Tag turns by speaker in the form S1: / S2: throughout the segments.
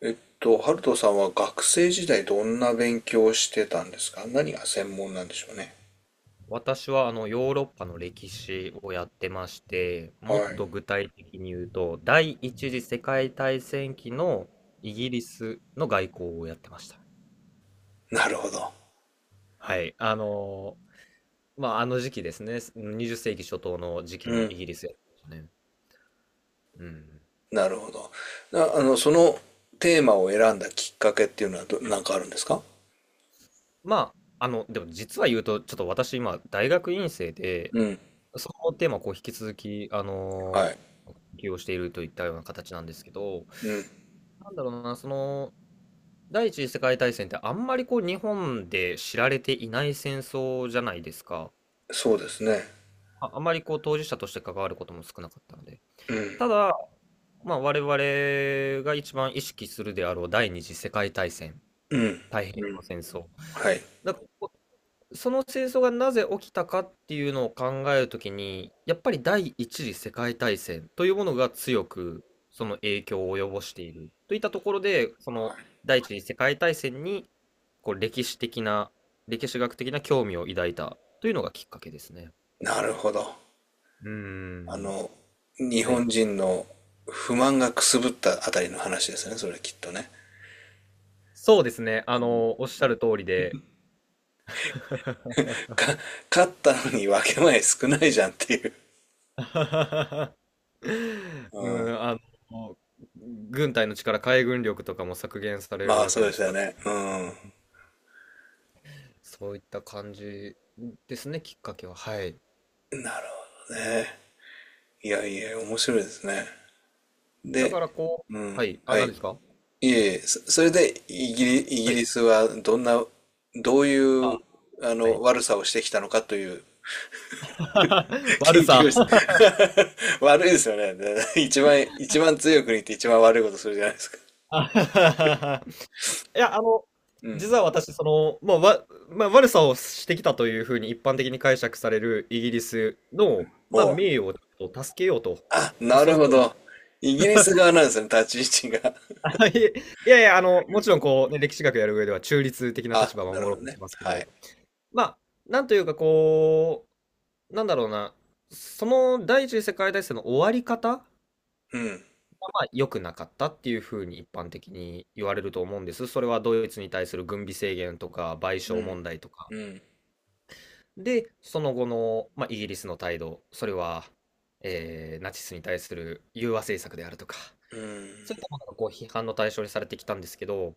S1: ハルトさんは学生時代どんな勉強をしてたんですか。何が専門なんでしょうね。
S2: 私はあのヨーロッパの歴史をやってまして、もっ
S1: はい。
S2: と具体的に言うと、第一次世界大戦期のイギリスの外交をやってました。
S1: なるほど。
S2: はい。まあ、あの時期ですね。20世紀初頭の時期のイギリスやってましたね。うん。
S1: なるほど。な、あの、そのテーマを選んだきっかけっていうのはなんかあるんですか。
S2: まあ、でも実は言うと、ちょっと私今、大学院生で、
S1: うん。
S2: そのテーマをこう引き続き、
S1: はい。
S2: ー、研究をしているといったような形なんですけど、なんだろうな、第一次世界大戦ってあんまりこう日本で知られていない戦争じゃないですか。
S1: そうですね。
S2: あ、あまりこう当事者として関わることも少なかったので。ただ、まあ我々が一番意識するであろう第二次世界大戦、太平洋戦争。
S1: はい。
S2: だからその戦争がなぜ起きたかっていうのを考えるときに、やっぱり第一次世界大戦というものが強くその影響を及ぼしているといったところで、その第一次世界大戦にこう歴史的な、歴史学的な興味を抱いたというのがきっかけですね。
S1: なるほど。
S2: うー
S1: あ
S2: ん、
S1: の、日
S2: はい。
S1: 本人の不満がくすぶったあたりの話ですね。それきっとね。
S2: そうですね。おっしゃる通りで。
S1: か、勝ったのに分け前少ないじゃんっていう。う
S2: う
S1: ん。
S2: ん、の、軍隊の力、海軍力とかも削減される
S1: まあ、
S2: わ
S1: そ
S2: け
S1: うで
S2: で
S1: す
S2: す
S1: よ
S2: から、
S1: ね。うん。
S2: そういった感じですね、きっかけは。はい。
S1: ね、いやいや、面白いですね。
S2: だ
S1: で、
S2: からこ
S1: う
S2: う、
S1: ん、
S2: はい。あ、
S1: は
S2: 何
S1: い。
S2: ですか？
S1: いえいえ、それでイギ
S2: はい。
S1: リスはどんな、どうい
S2: あ、
S1: う、あ
S2: は
S1: の、
S2: い。
S1: 悪さをしてきたのかという、
S2: 悪
S1: 研究
S2: さ。
S1: をして 悪いですよね。で一番強い国って一番悪いことするじゃないですか。
S2: あ いや、
S1: うん。
S2: 実は私まあ、悪さをしてきたというふうに一般的に解釈されるイギリスの、まあ、
S1: おう。
S2: 名誉をちょっと助けようと、
S1: あ、
S2: まあ、
S1: な
S2: そ
S1: る
S2: ういう
S1: ほ
S2: ような、
S1: ど。イギリス側なんですね、立ち位置が。
S2: いいやいや、もちろんこうね、歴史学やる上では中立的 な
S1: あ、
S2: 立場を
S1: なる
S2: 守ろ
S1: ほ
S2: う
S1: ど
S2: とし
S1: ね。
S2: ますけ
S1: は
S2: ど、
S1: い。
S2: まあ、なんというかこう、なんだろうな、その第一次世界大戦の終わり方が
S1: うん。
S2: まあ良くなかったっていうふうに一般的に言われると思うんです。それはドイツに対する軍備制限とか賠
S1: う
S2: 償
S1: ん。
S2: 問題とか。
S1: うん。
S2: で、その後の、まあ、イギリスの態度、それは、ナチスに対する融和政策であるとか。
S1: うん。
S2: そういったものがこう批判の対象にされてきたんですけど、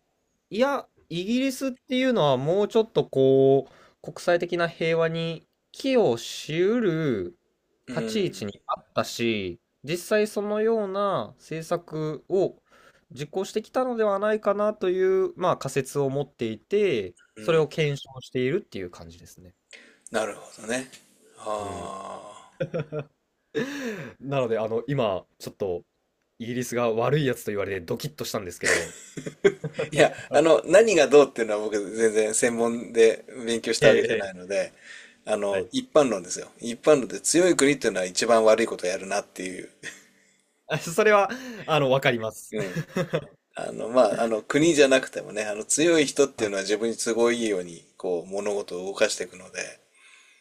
S2: いや、イギリスっていうのはもうちょっとこう、国際的な平和に寄与しうる
S1: う
S2: 立ち位
S1: ん。
S2: 置にあったし、実際そのような政策を実行してきたのではないかなという、まあ仮説を持っていて、
S1: う
S2: それ
S1: ん。
S2: を検証しているっていう感じですね。
S1: なるほどね。
S2: うん。
S1: ああ。
S2: なので、今、ちょっと、イギリスが悪いやつと言われてドキッとしたんですけど、
S1: いや、あの、何がどうっていうのは僕全然専門で勉強し
S2: え
S1: たわけじゃ
S2: え、え
S1: ないの
S2: え
S1: で、あ
S2: は
S1: の、
S2: い。
S1: 一般論ですよ。一般論で強い国っていうのは一番悪いことをやるなっていう。
S2: あ、それは、わかります。
S1: う ん。国じゃなくてもね、あの、強い人っていうのは自分に都合いいように、こう、物事を動かしていくので、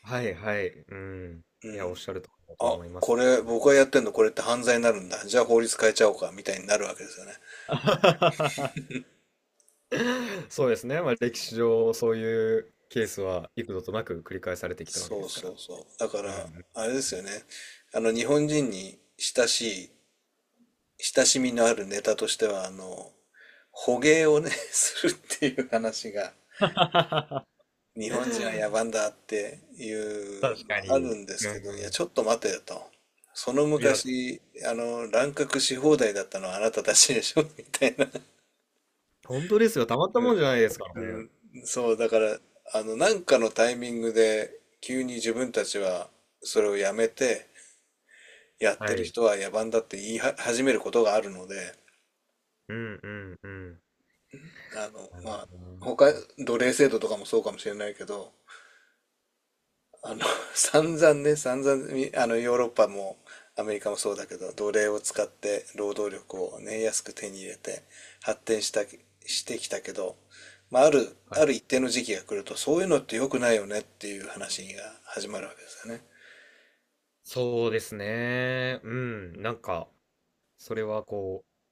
S2: はいはい。うん。いや、おっしゃるとりだと
S1: あ、
S2: 思いま
S1: こ
S2: すね。
S1: れ、僕がやってんのこれって犯罪になるんだ。じゃあ法律変えちゃおうか、みたいになるわけですよね。
S2: そうですね。まあ、歴史上、そういうケースは幾度となく繰り返されてきたわけで
S1: そう
S2: すか
S1: そ
S2: ら。
S1: うそう。だか
S2: うん
S1: ら、あれで
S2: う
S1: すよ
S2: ん。
S1: ね。日本人に親しい、親しみのあるネタとしては、あの、捕鯨をね、するっていう話が、日本人は野蛮だってい
S2: 確
S1: うの
S2: か
S1: は
S2: に。
S1: あるんです
S2: う
S1: けど、
S2: ん、
S1: いや、ちょっと待てよと。その
S2: いや、
S1: 昔、あの、乱獲し放題だったのはあなたたちでしょ みたいな。
S2: 本当ですよ。たまった
S1: う
S2: も
S1: ん、
S2: んじゃないですからね。
S1: うん、そう、だから、あの、なんかのタイミングで、急に自分たちはそれをやめて、やって
S2: は
S1: る
S2: い。
S1: 人は野蛮だって言いは始めることがあるので、
S2: うんうんうん。
S1: あの、
S2: なる
S1: まあ、
S2: ほどな。
S1: 他、奴隷制度とかもそうかもしれないけど、あの、散々ね、散々み、あの、ヨーロッパもアメリカもそうだけど、奴隷を使って労働力をね、安く手に入れて発展した、してきたけど、まあ、
S2: はい。
S1: ある一定の時期が来ると、そういうのって良くないよねっていう話が始まるわけですよね。
S2: そうですね。うん。なんか、それはこう、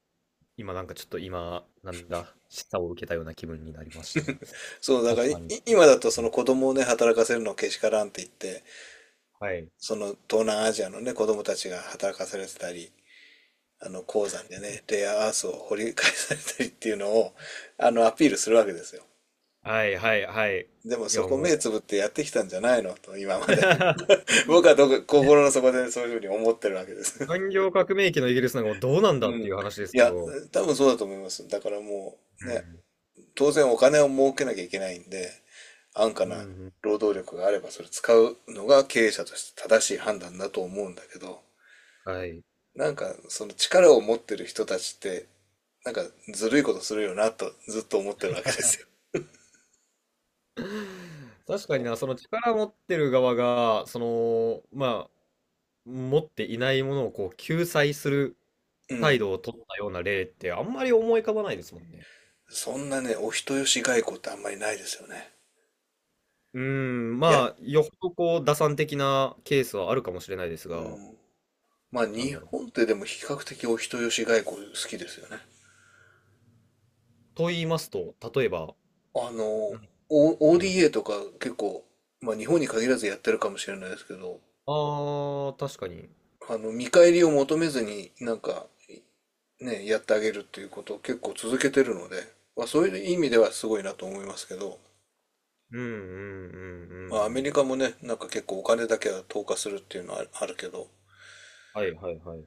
S2: 今なんかちょっと今、なんだ、示唆を受けたような気分になりましたね。
S1: そう、だから
S2: 確
S1: い
S2: かに。
S1: 今だとその子供をね、働かせるのけしからんって言って、
S2: はい。
S1: その東南アジアのね、子供たちが働かされてたり、あの鉱山でね、レアアースを掘り返されたりっていうのを、あの、アピールするわけですよ。
S2: はいはいはい。
S1: でも
S2: いや
S1: そ
S2: も
S1: こ
S2: う。
S1: 目つぶってやってきたんじゃないのと、今まで。僕はどこ心の底でそういうふうに思ってるわけです。
S2: 産業革命期のイギリスなんかもうどうな んだ
S1: う
S2: っ
S1: ん。
S2: て
S1: い
S2: いう話ですけ
S1: や、
S2: ど。
S1: 多分そうだと思います。だからも
S2: う
S1: う、ね、
S2: ん。
S1: 当然お金を儲けなきゃいけないんで、安価
S2: うんう
S1: な
S2: ん。
S1: 労働力があればそれ使うのが経営者として正しい判断だと思うんだけど、
S2: はい。
S1: なんかその力を持ってる人たちってなんかずるいことするよなとずっと思ってるわけですよ。そ
S2: 確かに
S1: の
S2: な、その力持ってる側が、その、まあ、持っていないものをこう救済する
S1: う
S2: 態
S1: ん。
S2: 度を取ったような例ってあんまり思い浮かばないですもんね。
S1: そんなね、お人よし外交ってあんまりないですよね。
S2: うーん、
S1: いや、
S2: まあ、よほどこう、打算的なケースはあるかもしれないです
S1: う
S2: が、
S1: ん。まあ
S2: なん
S1: 日
S2: だろう。
S1: 本ってでも比較的お人よし外交好きですよね。
S2: と言いますと、例えば、
S1: あの、
S2: 何 かあります。
S1: ODA とか結構、まあ日本に限らずやってるかもしれないですけど、
S2: ああー、確かに。
S1: あの、見返りを求めずになんか、ね、やってあげるっていうことを結構続けてるので、まあそういう意味ではすごいなと思いますけど、
S2: うんうんうん
S1: まあ、ア
S2: う
S1: メ
S2: ん。
S1: リカもね、なんか結構お金だけは投下するっていうのはあるけど、
S2: はいはいはい。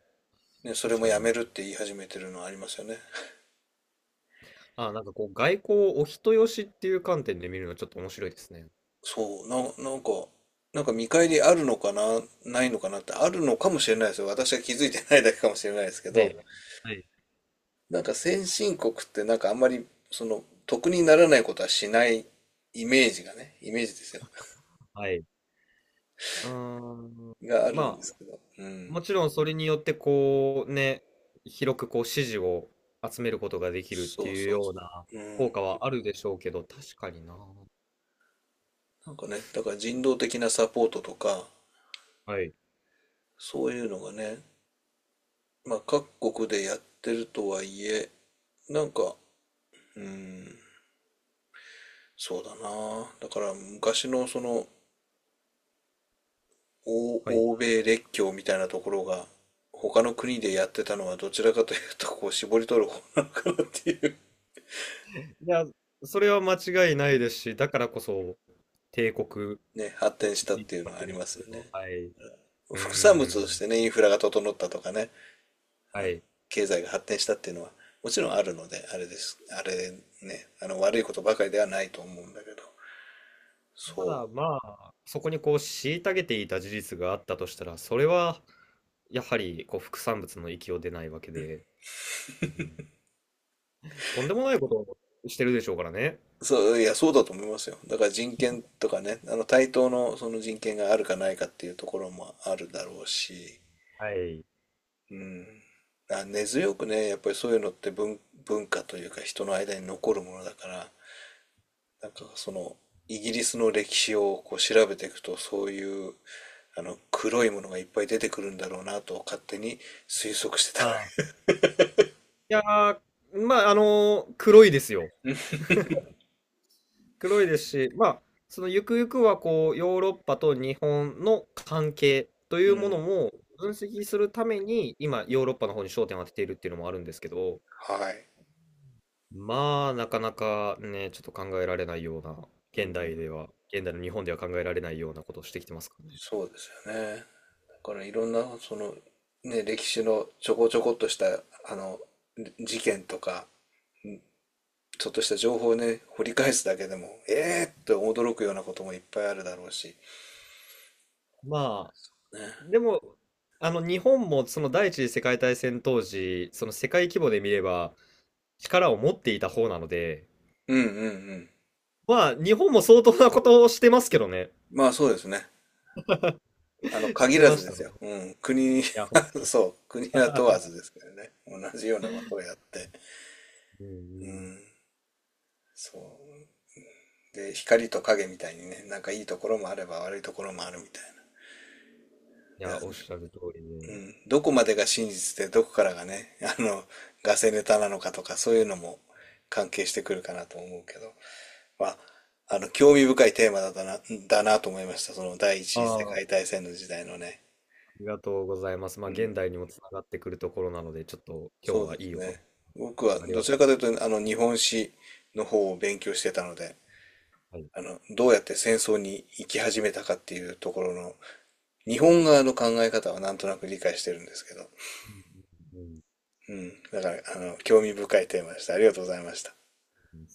S1: ね、それ
S2: 確
S1: も
S2: か
S1: や
S2: にな。
S1: めるって言い始めてるのはありますよね。
S2: あー、なんかこう、外交をお人よしっていう観点で見るのちょっと面白いですね。
S1: そう、な、なんか、なんか見返りあるのかな、ないのかなってあるのかもしれないですよ。私は気づいてないだけかもしれないですけ
S2: は
S1: ど、
S2: い。はい。
S1: なんか先進国ってなんかあんまり、その、得にならないことはしないイメージがね、イメージですよ。
S2: はい。うーん。
S1: があるん
S2: ま
S1: で
S2: あ、
S1: すけど、うん。
S2: もちろんそれによってこう、ね、広くこう、支持を集めることができるって
S1: そう
S2: いう
S1: そう
S2: よ
S1: そ
S2: うな
S1: う。う
S2: 効
S1: ん。
S2: 果はあるでしょうけど、確かにな。
S1: なんかね、だから人道的なサポートとか、
S2: はい。
S1: そういうのがね、まあ、各国でやってるとはいえ、なんか、うん、そうだな。だから昔のその、
S2: はい。い
S1: 欧米列強みたいなところが、他の国でやってたのはどちらかというと、こう、絞り取る方なのかなっていう。
S2: や、それは間違いないですし、だからこそ帝国
S1: ね、発
S2: を
S1: 展し
S2: 築
S1: たっ
S2: い
S1: ていう
S2: た
S1: の
S2: わ
S1: はあ
S2: け
S1: り
S2: です
S1: ます
S2: け
S1: よ
S2: ど、
S1: ね。
S2: はい。うー
S1: 副産物とし
S2: ん。
S1: てね、インフラが整ったとかね、
S2: はい。
S1: 経済が発展したっていうのは、もちろんあるので、あれです。あれね、あの、悪いことばかりではないと思うんだけど、
S2: た
S1: そう。
S2: だ、まあ、そこにこう、虐げていた事実があったとしたら、それは、やはり、こう、副産物の域を出ないわけで、うん、とんでもないことをしてるでしょうからね。
S1: そう、いや、そうだと思いますよ。だから人権とかね、あの対等のその人権があるかないかっていうところもあるだろうし、
S2: はい。
S1: うん。あ、根強くね、やっぱりそういうのって文化というか人の間に残るものだから、なんかそのイギリスの歴史をこう調べていくとそういうあの黒いものがいっぱい出てくるんだろうなと勝手に推測してた
S2: あ
S1: わ
S2: あ。いやー、まあ、黒いですよ。黒いですし、まあ、そのゆくゆくはこう、ヨーロッパと日本の関係とい
S1: け。う
S2: うもの
S1: ん。
S2: も分析するために、今ヨーロッパの方に焦点を当てているっていうのもあるんですけど、
S1: はい。
S2: まあ、なかなかね、ちょっと考えられないような、
S1: う
S2: 現
S1: ん。
S2: 代では、現代の日本では考えられないようなことをしてきてますからね。
S1: そうですよね。からいろんなその、ね、歴史のちょこちょこっとしたあの事件とかちょっとした情報をね掘り返すだけでもえーって驚くようなこともいっぱいあるだろうし、
S2: まあ、
S1: ね、
S2: でも、日本もその第一次世界大戦当時、その世界規模で見れば、力を持っていた方なので、
S1: うんうんうん、
S2: まあ、日本も相当なことをしてますけどね。
S1: まあそうですね、あの
S2: し
S1: 限
S2: て
S1: ら
S2: ま
S1: ず
S2: し
S1: で
S2: た
S1: す
S2: ね。
S1: よ、
S2: い
S1: うん、国
S2: や、ほん。
S1: は、 そう国は問わ ずですけどね、同じようなことをやって、
S2: うんう
S1: う
S2: ん、
S1: ん、そうで光と影みたいにね、なんかいいところもあれば悪いところもあるみたいな。
S2: いや、おっ
S1: で、
S2: しゃる通り
S1: う
S2: で、
S1: ん、どこまでが真実でどこからがね、あの、ガセネタなのかとかそういうのも関係してくるかなと思うけど、まあ、あの、興味深いテーマだなと思いました。その第一
S2: あ
S1: 次世
S2: あ、あ
S1: 界大戦の時代のね。
S2: りがとうございます。ま
S1: う
S2: あ、
S1: ん。
S2: 現代にもつながってくるところなので、ちょっと今日
S1: そう
S2: は
S1: で
S2: い
S1: す
S2: いお話
S1: ね。
S2: で
S1: 僕
S2: し
S1: は
S2: たあり
S1: ど
S2: が
S1: ち
S2: と
S1: らか
S2: う。
S1: というと、あの、日本史の方を勉強してたので、
S2: はい。
S1: あの、どうやって戦争に行き始めたかっていうところの、日本側の考え方はなんとなく理解してるんですけど、
S2: うんうん
S1: うん。だから、あの、興味深いテーマでした。ありがとうございました。
S2: うん。